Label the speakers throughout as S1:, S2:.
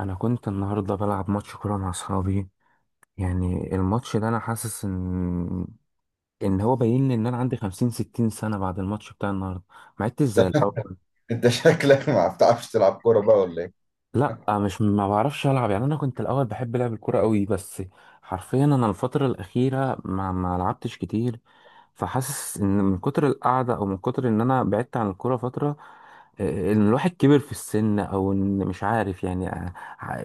S1: انا كنت النهارده بلعب ماتش كوره مع اصحابي. يعني الماتش ده انا حاسس ان هو باين لي ان انا عندي 50 60 سنه بعد الماتش بتاع النهارده. ما عدتش زي الاول.
S2: انت شكلك ما بتعرفش تلعب كورة بقى ولا ايه؟
S1: لا، مش ما بعرفش العب، يعني انا كنت الاول بحب لعب الكوره قوي، بس حرفيا انا الفتره الاخيره ما لعبتش كتير. فحاسس ان من كتر القعده او من كتر ان انا بعدت عن الكوره فتره، ان الواحد كبر في السن او ان مش عارف، يعني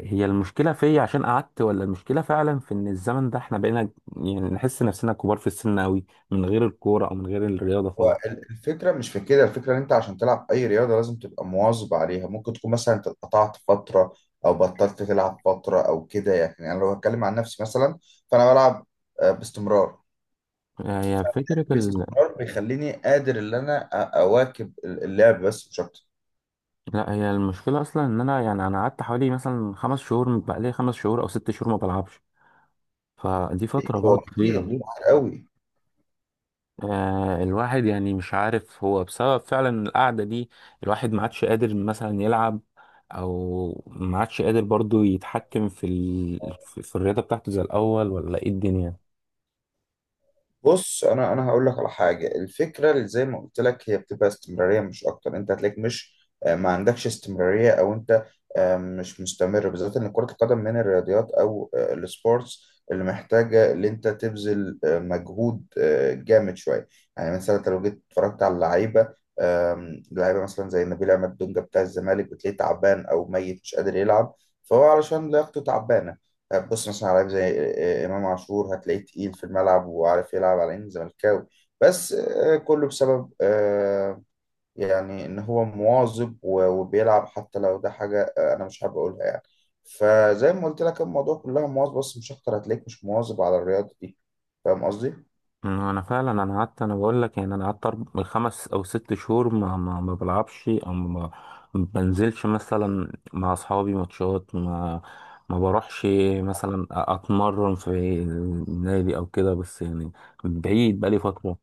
S1: هي المشكله فيا عشان قعدت ولا المشكله فعلا في ان الزمن ده احنا بقينا يعني نحس نفسنا كبار في السن قوي من غير الكوره او من غير الرياضه
S2: هو
S1: خالص.
S2: الفكرة مش في كده. الفكرة ان انت عشان تلعب اي رياضة لازم تبقى مواظب عليها. ممكن تكون مثلا انت اتقطعت فترة او بطلت تلعب فترة او كده، يعني انا لو هتكلم عن نفسي مثلا فانا بلعب باستمرار.
S1: هي فكرة ال-
S2: باستمرار بيخليني قادر ان انا اواكب اللعب، بس مش اكتر.
S1: لا، هي المشكلة أصلا إن أنا، يعني أنا قعدت حوالي مثلا 5 شهور، بقالي 5 شهور أو 6 شهور ما بلعبش. فدي فترة
S2: هو
S1: برضه
S2: كتير
S1: طويلة.
S2: كتير قوي.
S1: آه، الواحد يعني مش عارف هو بسبب فعلا القعدة دي الواحد ما عادش قادر مثلا يلعب، أو ما عادش قادر برضه يتحكم في ال... في في الرياضة بتاعته زي الأول، ولا إيه الدنيا؟
S2: بص، انا هقول لك على حاجه. الفكره اللي زي ما قلت لك، هي بتبقى استمراريه مش اكتر. انت هتلاقيك مش ما عندكش استمراريه، او انت مش مستمر، بالذات ان كره القدم من الرياضيات او السبورتس اللي محتاجه ان انت تبذل مجهود جامد شويه. يعني مثلا انت لو جيت اتفرجت على اللعيبه، لعيبه مثلا زي نبيل عماد دونجا بتاع الزمالك، بتلاقيه تعبان او ميت، مش قادر يلعب. فهو علشان لياقته تعبانه. طيب، بص مثلا على لعيب زي امام عاشور، هتلاقيه تقيل في الملعب وعارف يلعب على انه زملكاوي. بس كله بسبب يعني ان هو مواظب وبيلعب، حتى لو ده حاجه انا مش حابب اقولها يعني. فزي ما قلت لك، الموضوع كلها مواظبه بس مش اكتر. هتلاقيك مش مواظب على الرياضه دي، فاهم قصدي؟
S1: ما انا فعلا، انا قعدت، انا بقول لك يعني انا قعدت 5 او 6 شهور ما بلعبش، او ما بنزلش مثلا مع اصحابي ماتشات، ما بروحش مثلا اتمرن في النادي او كده، بس يعني بعيد بقالي فترة.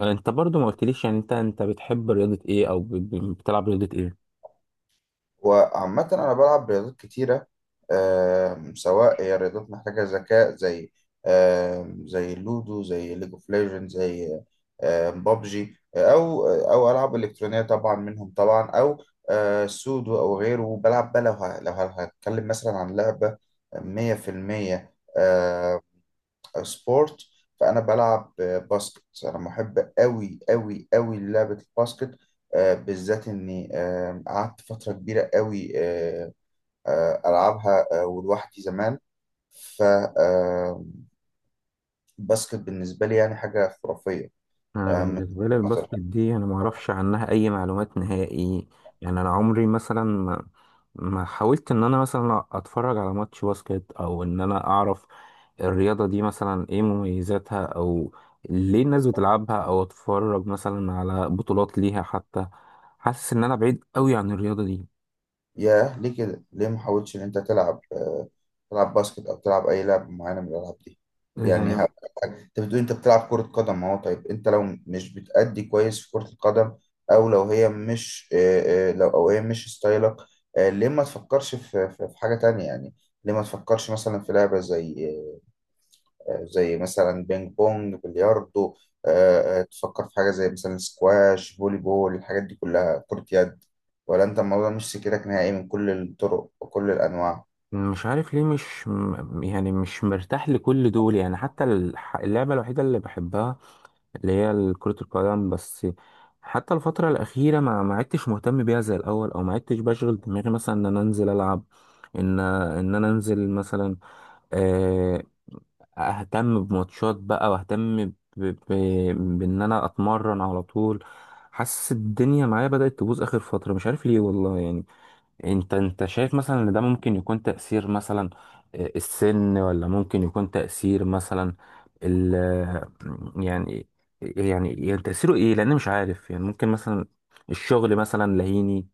S1: انت برضو ما قلتليش، يعني انت بتحب رياضة ايه، او بتلعب رياضة ايه؟
S2: وعامة أنا بلعب رياضات كتيرة، سواء هي رياضات محتاجة ذكاء زي، زي اللودو، زي ليج اوف ليجند، زي بابجي، أو ألعاب إلكترونية طبعا منهم طبعا، أو سودو أو غيره. بلعب بقى لو هتكلم مثلا عن لعبة مية في المية سبورت، فانا بلعب باسكت. انا محب قوي قوي قوي للعبه الباسكت، بالذات اني قعدت فتره كبيره قوي العبها ولوحدي زمان. فالباسكت بالنسبه لي يعني حاجه خرافيه،
S1: انا
S2: من
S1: بالنسبه لي
S2: وجهة نظري.
S1: الباسكت دي انا ما اعرفش عنها اي معلومات نهائي. يعني انا عمري مثلا ما حاولت ان انا مثلا اتفرج على ماتش باسكت، او ان انا اعرف الرياضه دي مثلا ايه مميزاتها، او ليه الناس بتلعبها، او اتفرج مثلا على بطولات ليها حتى. حاسس ان انا بعيد قوي عن الرياضه دي.
S2: ياه، ليه كده؟ ليه ما حاولتش ان انت تلعب، تلعب باسكت او تلعب اي لعبه معينه من الالعاب دي؟ يعني
S1: يعني
S2: انت بتقول انت بتلعب كره قدم اهو. طيب انت لو مش بتأدي كويس في كره القدم، او لو هي مش، لو او هي مش ستايلك، ليه ما تفكرش في حاجه تانية يعني؟ ليه ما تفكرش مثلا في لعبه زي مثلا، بينج بونج، بلياردو؟ تفكر في حاجة زي مثلا سكواش، فولي بول، الحاجات دي كلها، كرة يد. ولا انت الموضوع مش سكتك نهائي من كل الطرق وكل الأنواع؟
S1: مش عارف ليه، مش م- يعني مش مرتاح لكل دول. يعني حتى اللعبة الوحيدة اللي بحبها اللي هي كرة القدم بس، حتى الفترة الأخيرة ما عدتش مهتم بيها زي الأول، أو ما عدتش بشغل دماغي مثلا إن أنا أنزل ألعب، إن أنا أنزل مثلا، آه، أهتم بماتشات بقى، وأهتم بإن أنا أتمرن على طول. حاسس الدنيا معايا بدأت تبوظ آخر فترة، مش عارف ليه والله. يعني انت شايف مثلا ان ده ممكن يكون تأثير مثلا السن، ولا ممكن يكون تأثير مثلا ال آه، يعني يعني يعني تأثيره ايه؟ لان مش عارف، يعني ممكن مثلا الشغل مثلا لهيني.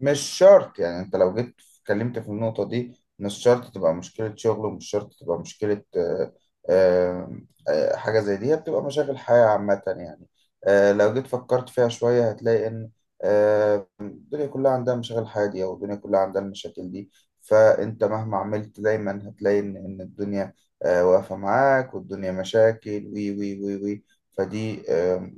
S2: مش شرط، يعني انت لو جيت اتكلمت في النقطة دي، مش شرط تبقى مشكلة شغل، ومش شرط تبقى مشكلة، آه، حاجة زي دي هي بتبقى مشاغل حياة عامة يعني. لو جيت فكرت فيها شوية هتلاقي إن الدنيا كلها عندها مشاغل حياة دي، أو الدنيا كلها عندها المشاكل دي. فأنت مهما عملت دايما هتلاقي إن الدنيا واقفة معاك، والدنيا مشاكل وي وي وي وي. فدي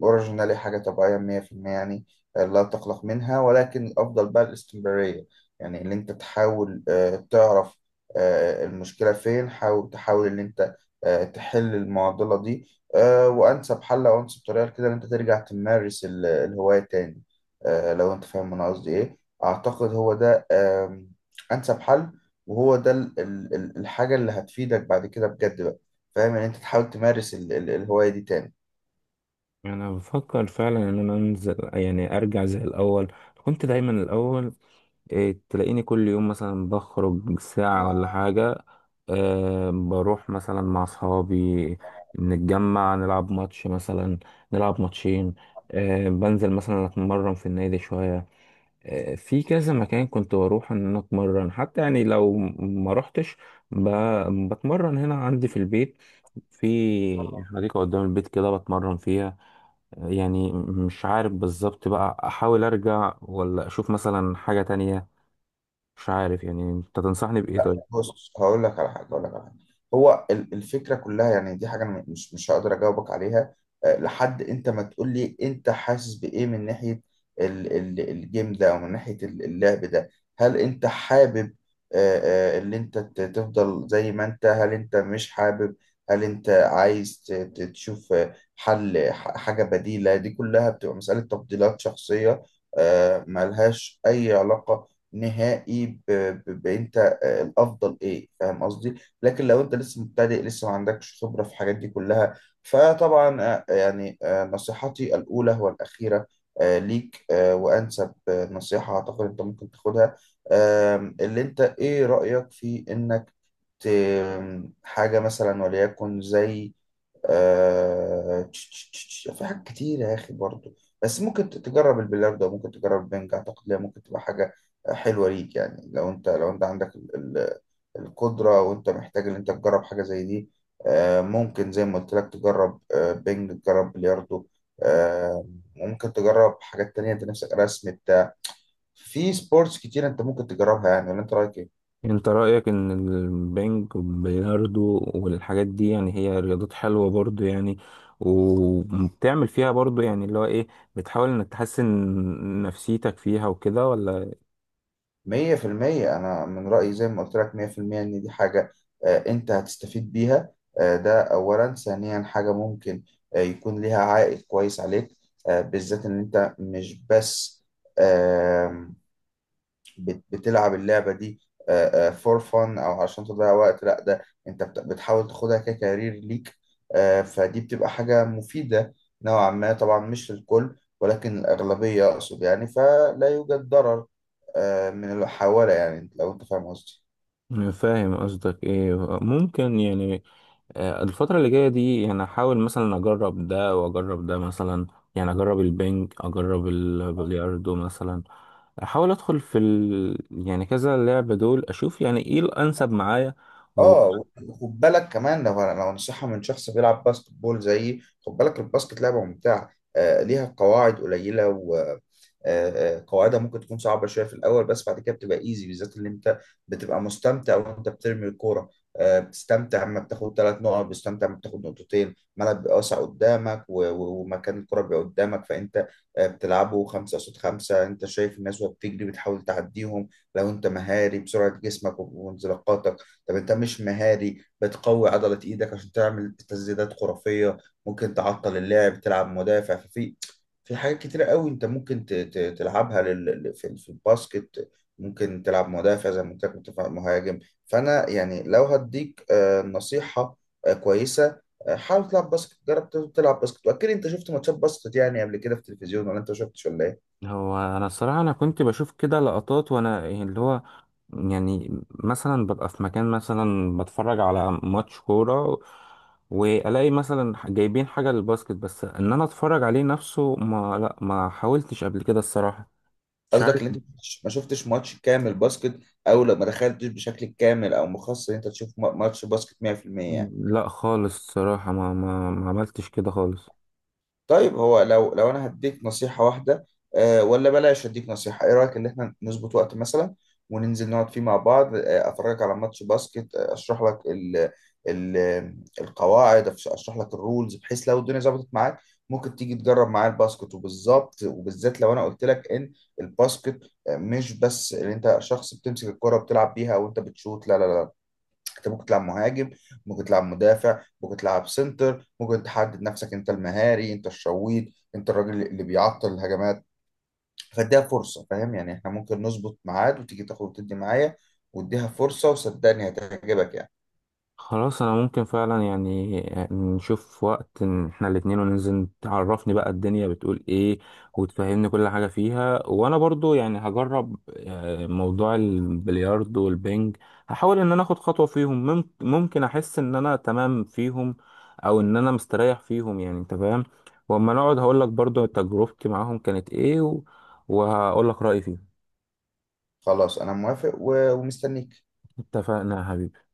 S2: أوريجينالي حاجة طبيعية 100%، يعني لا تقلق منها، ولكن الأفضل بقى الاستمرارية. يعني إن أنت تحاول تعرف المشكلة فين. حاول إن أنت تحل المعضلة دي. وأنسب حل أو أنسب طريقة كده، إن أنت ترجع تمارس الهواية تاني، لو أنت فاهم أنا قصدي إيه. أعتقد هو ده أنسب حل. وهو ده الحاجة اللي هتفيدك بعد كده بجد بقى. فاهم، إن أنت تحاول تمارس الهواية دي تاني.
S1: انا بفكر فعلا ان انا انزل، يعني ارجع زي الاول. كنت دايما الاول إيه، تلاقيني كل يوم مثلا بخرج ساعة ولا حاجة، أه بروح مثلا مع أصحابي نتجمع نلعب ماتش مثلا، نلعب ماتشين، أه بنزل مثلا أتمرن في النادي شوية، أه في كذا مكان كنت بروح إن أنا أتمرن حتى، يعني لو ما روحتش بتمرن هنا عندي في البيت، في حديقة قدام البيت كده بتمرن فيها. يعني مش عارف بالظبط بقى أحاول أرجع ولا أشوف مثلا حاجة تانية. مش عارف، يعني انت تنصحني بإيه طيب؟
S2: بص، هقول لك على حاجه. هو الفكره كلها يعني، دي حاجه انا مش هقدر اجاوبك عليها، لحد انت ما تقول لي انت حاسس بايه من ناحيه الجيم ده، او من ناحيه اللعب ده. هل انت حابب اللي انت تفضل زي ما انت، هل انت مش حابب، هل انت عايز تشوف حل حاجه بديله؟ دي كلها بتبقى مساله تفضيلات شخصيه، ملهاش اي علاقه نهائي بانت الافضل ايه، فاهم قصدي. لكن لو انت لسه مبتدئ، لسه ما عندكش خبره في الحاجات دي كلها، فطبعا يعني نصيحتي الاولى والاخيره، ليك وانسب نصيحه اعتقد انت ممكن تاخدها. اللي انت ايه رايك في انك ت- حاجه مثلا، وليكن زي، في حاجات كتير يا أخي برضو. بس ممكن تجرب البلياردو، ممكن تجرب البنج. أعتقد ليه ممكن تبقى حاجة حلوة ليك، يعني لو أنت عندك القدرة، وأنت محتاج إن أنت تجرب حاجة زي دي. ممكن زي ما قلت لك تجرب بنج، تجرب بلياردو. آه... ممكن تجرب حاجات تانية، أنت نفسك رسم بتاع. في سبورتس كتير أنت ممكن تجربها يعني، ولا أنت رأيك إيه؟
S1: انت رأيك ان البنج والبلياردو والحاجات دي، يعني هي رياضات حلوة برضو يعني، وبتعمل فيها برضو يعني، اللي هو ايه، بتحاول انك تحسن نفسيتك فيها وكده، ولا؟
S2: مية في المية، أنا من رأيي زي ما قلت لك، مية في المية إن دي حاجة أنت هتستفيد بيها. ده أولا. ثانيا، حاجة ممكن يكون ليها عائد كويس عليك، بالذات إن أنت مش بس آم، بتلعب اللعبة دي فور فun أو عشان تضيع وقت. لأ، ده أنت بتحاول تاخدها ككارير ليك. فدي بتبقى حاجة مفيدة نوعا ما، طبعا مش للكل ولكن الأغلبية أقصد يعني، فلا يوجد ضرر من الحوالة، يعني لو انت فاهم قصدي.
S1: فاهم قصدك ايه. ممكن يعني الفترة اللي جاية دي يعني احاول مثلا اجرب ده واجرب ده مثلا، يعني اجرب البنج اجرب البلياردو مثلا، احاول ادخل في ال... يعني كذا لعبة دول اشوف يعني ايه الانسب معايا.
S2: اه، خد بالك كمان، لو نصيحة من شخص بيلعب باسكت بول زيي. خد بالك الباسكت لعبة ممتعة، ليها قواعد قليلة، و قواعدها ممكن تكون صعبة شوية في الأول، بس بعد كده بتبقى ايزي، بالذات اللي انت بتبقى مستمتع وانت بترمي الكورة. بتستمتع لما بتاخد ثلاث نقط، بتستمتع لما بتاخد نقطتين، الملعب بيبقى واسع قدامك، ومكان الكرة بيبقى قدامك، فانت بتلعبه خمسة قصاد خمسة. انت شايف الناس وهي بتجري، بتحاول تعديهم لو انت مهاري بسرعة جسمك وانزلاقاتك. طب انت مش مهاري، بتقوي عضلة ايدك عشان تعمل تسديدات خرافية، ممكن تعطل اللعب تلعب مدافع. في حاجات كتيرة قوي انت ممكن تلعبها في الباسكت. ممكن تلعب مدافع، زي ما قلت لك، مدافع، مهاجم. فانا يعني لو هديك نصيحة كويسة، حاول تلعب باسكت، جرب تلعب باسكت. واكيد انت شفت ماتشات باسكت يعني قبل كده في التلفزيون، ولا انت ما شفتش ولا ايه؟
S1: هو انا الصراحه انا كنت بشوف كده لقطات، وانا يعني اللي هو يعني مثلا ببقى في مكان مثلا بتفرج على ماتش كوره، والاقي مثلا جايبين حاجه للباسكت، بس ان انا اتفرج عليه نفسه ما حاولتش قبل كده الصراحه. مش
S2: قصدك
S1: عارف.
S2: ان انت ما شفتش ماتش كامل باسكت، او لو ما دخلتش بشكل كامل او مخصص ان انت تشوف ماتش باسكت 100% يعني.
S1: لا خالص الصراحه ما عملتش كده خالص.
S2: طيب، هو لو انا هديك نصيحة واحدة، ولا بلاش اديك نصيحة؟ ايه رأيك ان احنا نظبط وقت مثلا، وننزل نقعد فيه مع بعض، افرجك على ماتش باسكت، اشرح لك ال ال القواعد، اشرح لك الرولز، بحيث لو الدنيا ظبطت معاك ممكن تيجي تجرب معايا الباسكت. وبالظبط وبالذات لو انا قلت لك ان الباسكت مش بس ان انت شخص بتمسك الكرة بتلعب بيها وانت بتشوت، لا لا لا. انت ممكن تلعب مهاجم، ممكن تلعب مدافع، ممكن تلعب سنتر، ممكن تحدد نفسك انت المهاري، انت الشويط، انت الراجل اللي بيعطل الهجمات. فاديها فرصة، فاهم يعني؟ احنا ممكن نظبط ميعاد وتيجي تاخد وتدي معايا، واديها فرصة وصدقني هتعجبك يعني.
S1: خلاص انا ممكن فعلا، يعني نشوف وقت إن احنا الاتنين وننزل، تعرفني بقى الدنيا بتقول ايه، وتفهمني كل حاجة فيها. وانا برضو يعني هجرب موضوع البلياردو والبنج، هحاول ان انا اخد خطوة فيهم، ممكن احس ان انا تمام فيهم، او ان انا مستريح فيهم، يعني انت فاهم. واما نقعد هقول لك برضو تجربتي معاهم كانت ايه، وهقول لك رأيي فيهم.
S2: خلاص، انا موافق ومستنيك.
S1: اتفقنا يا حبيبي.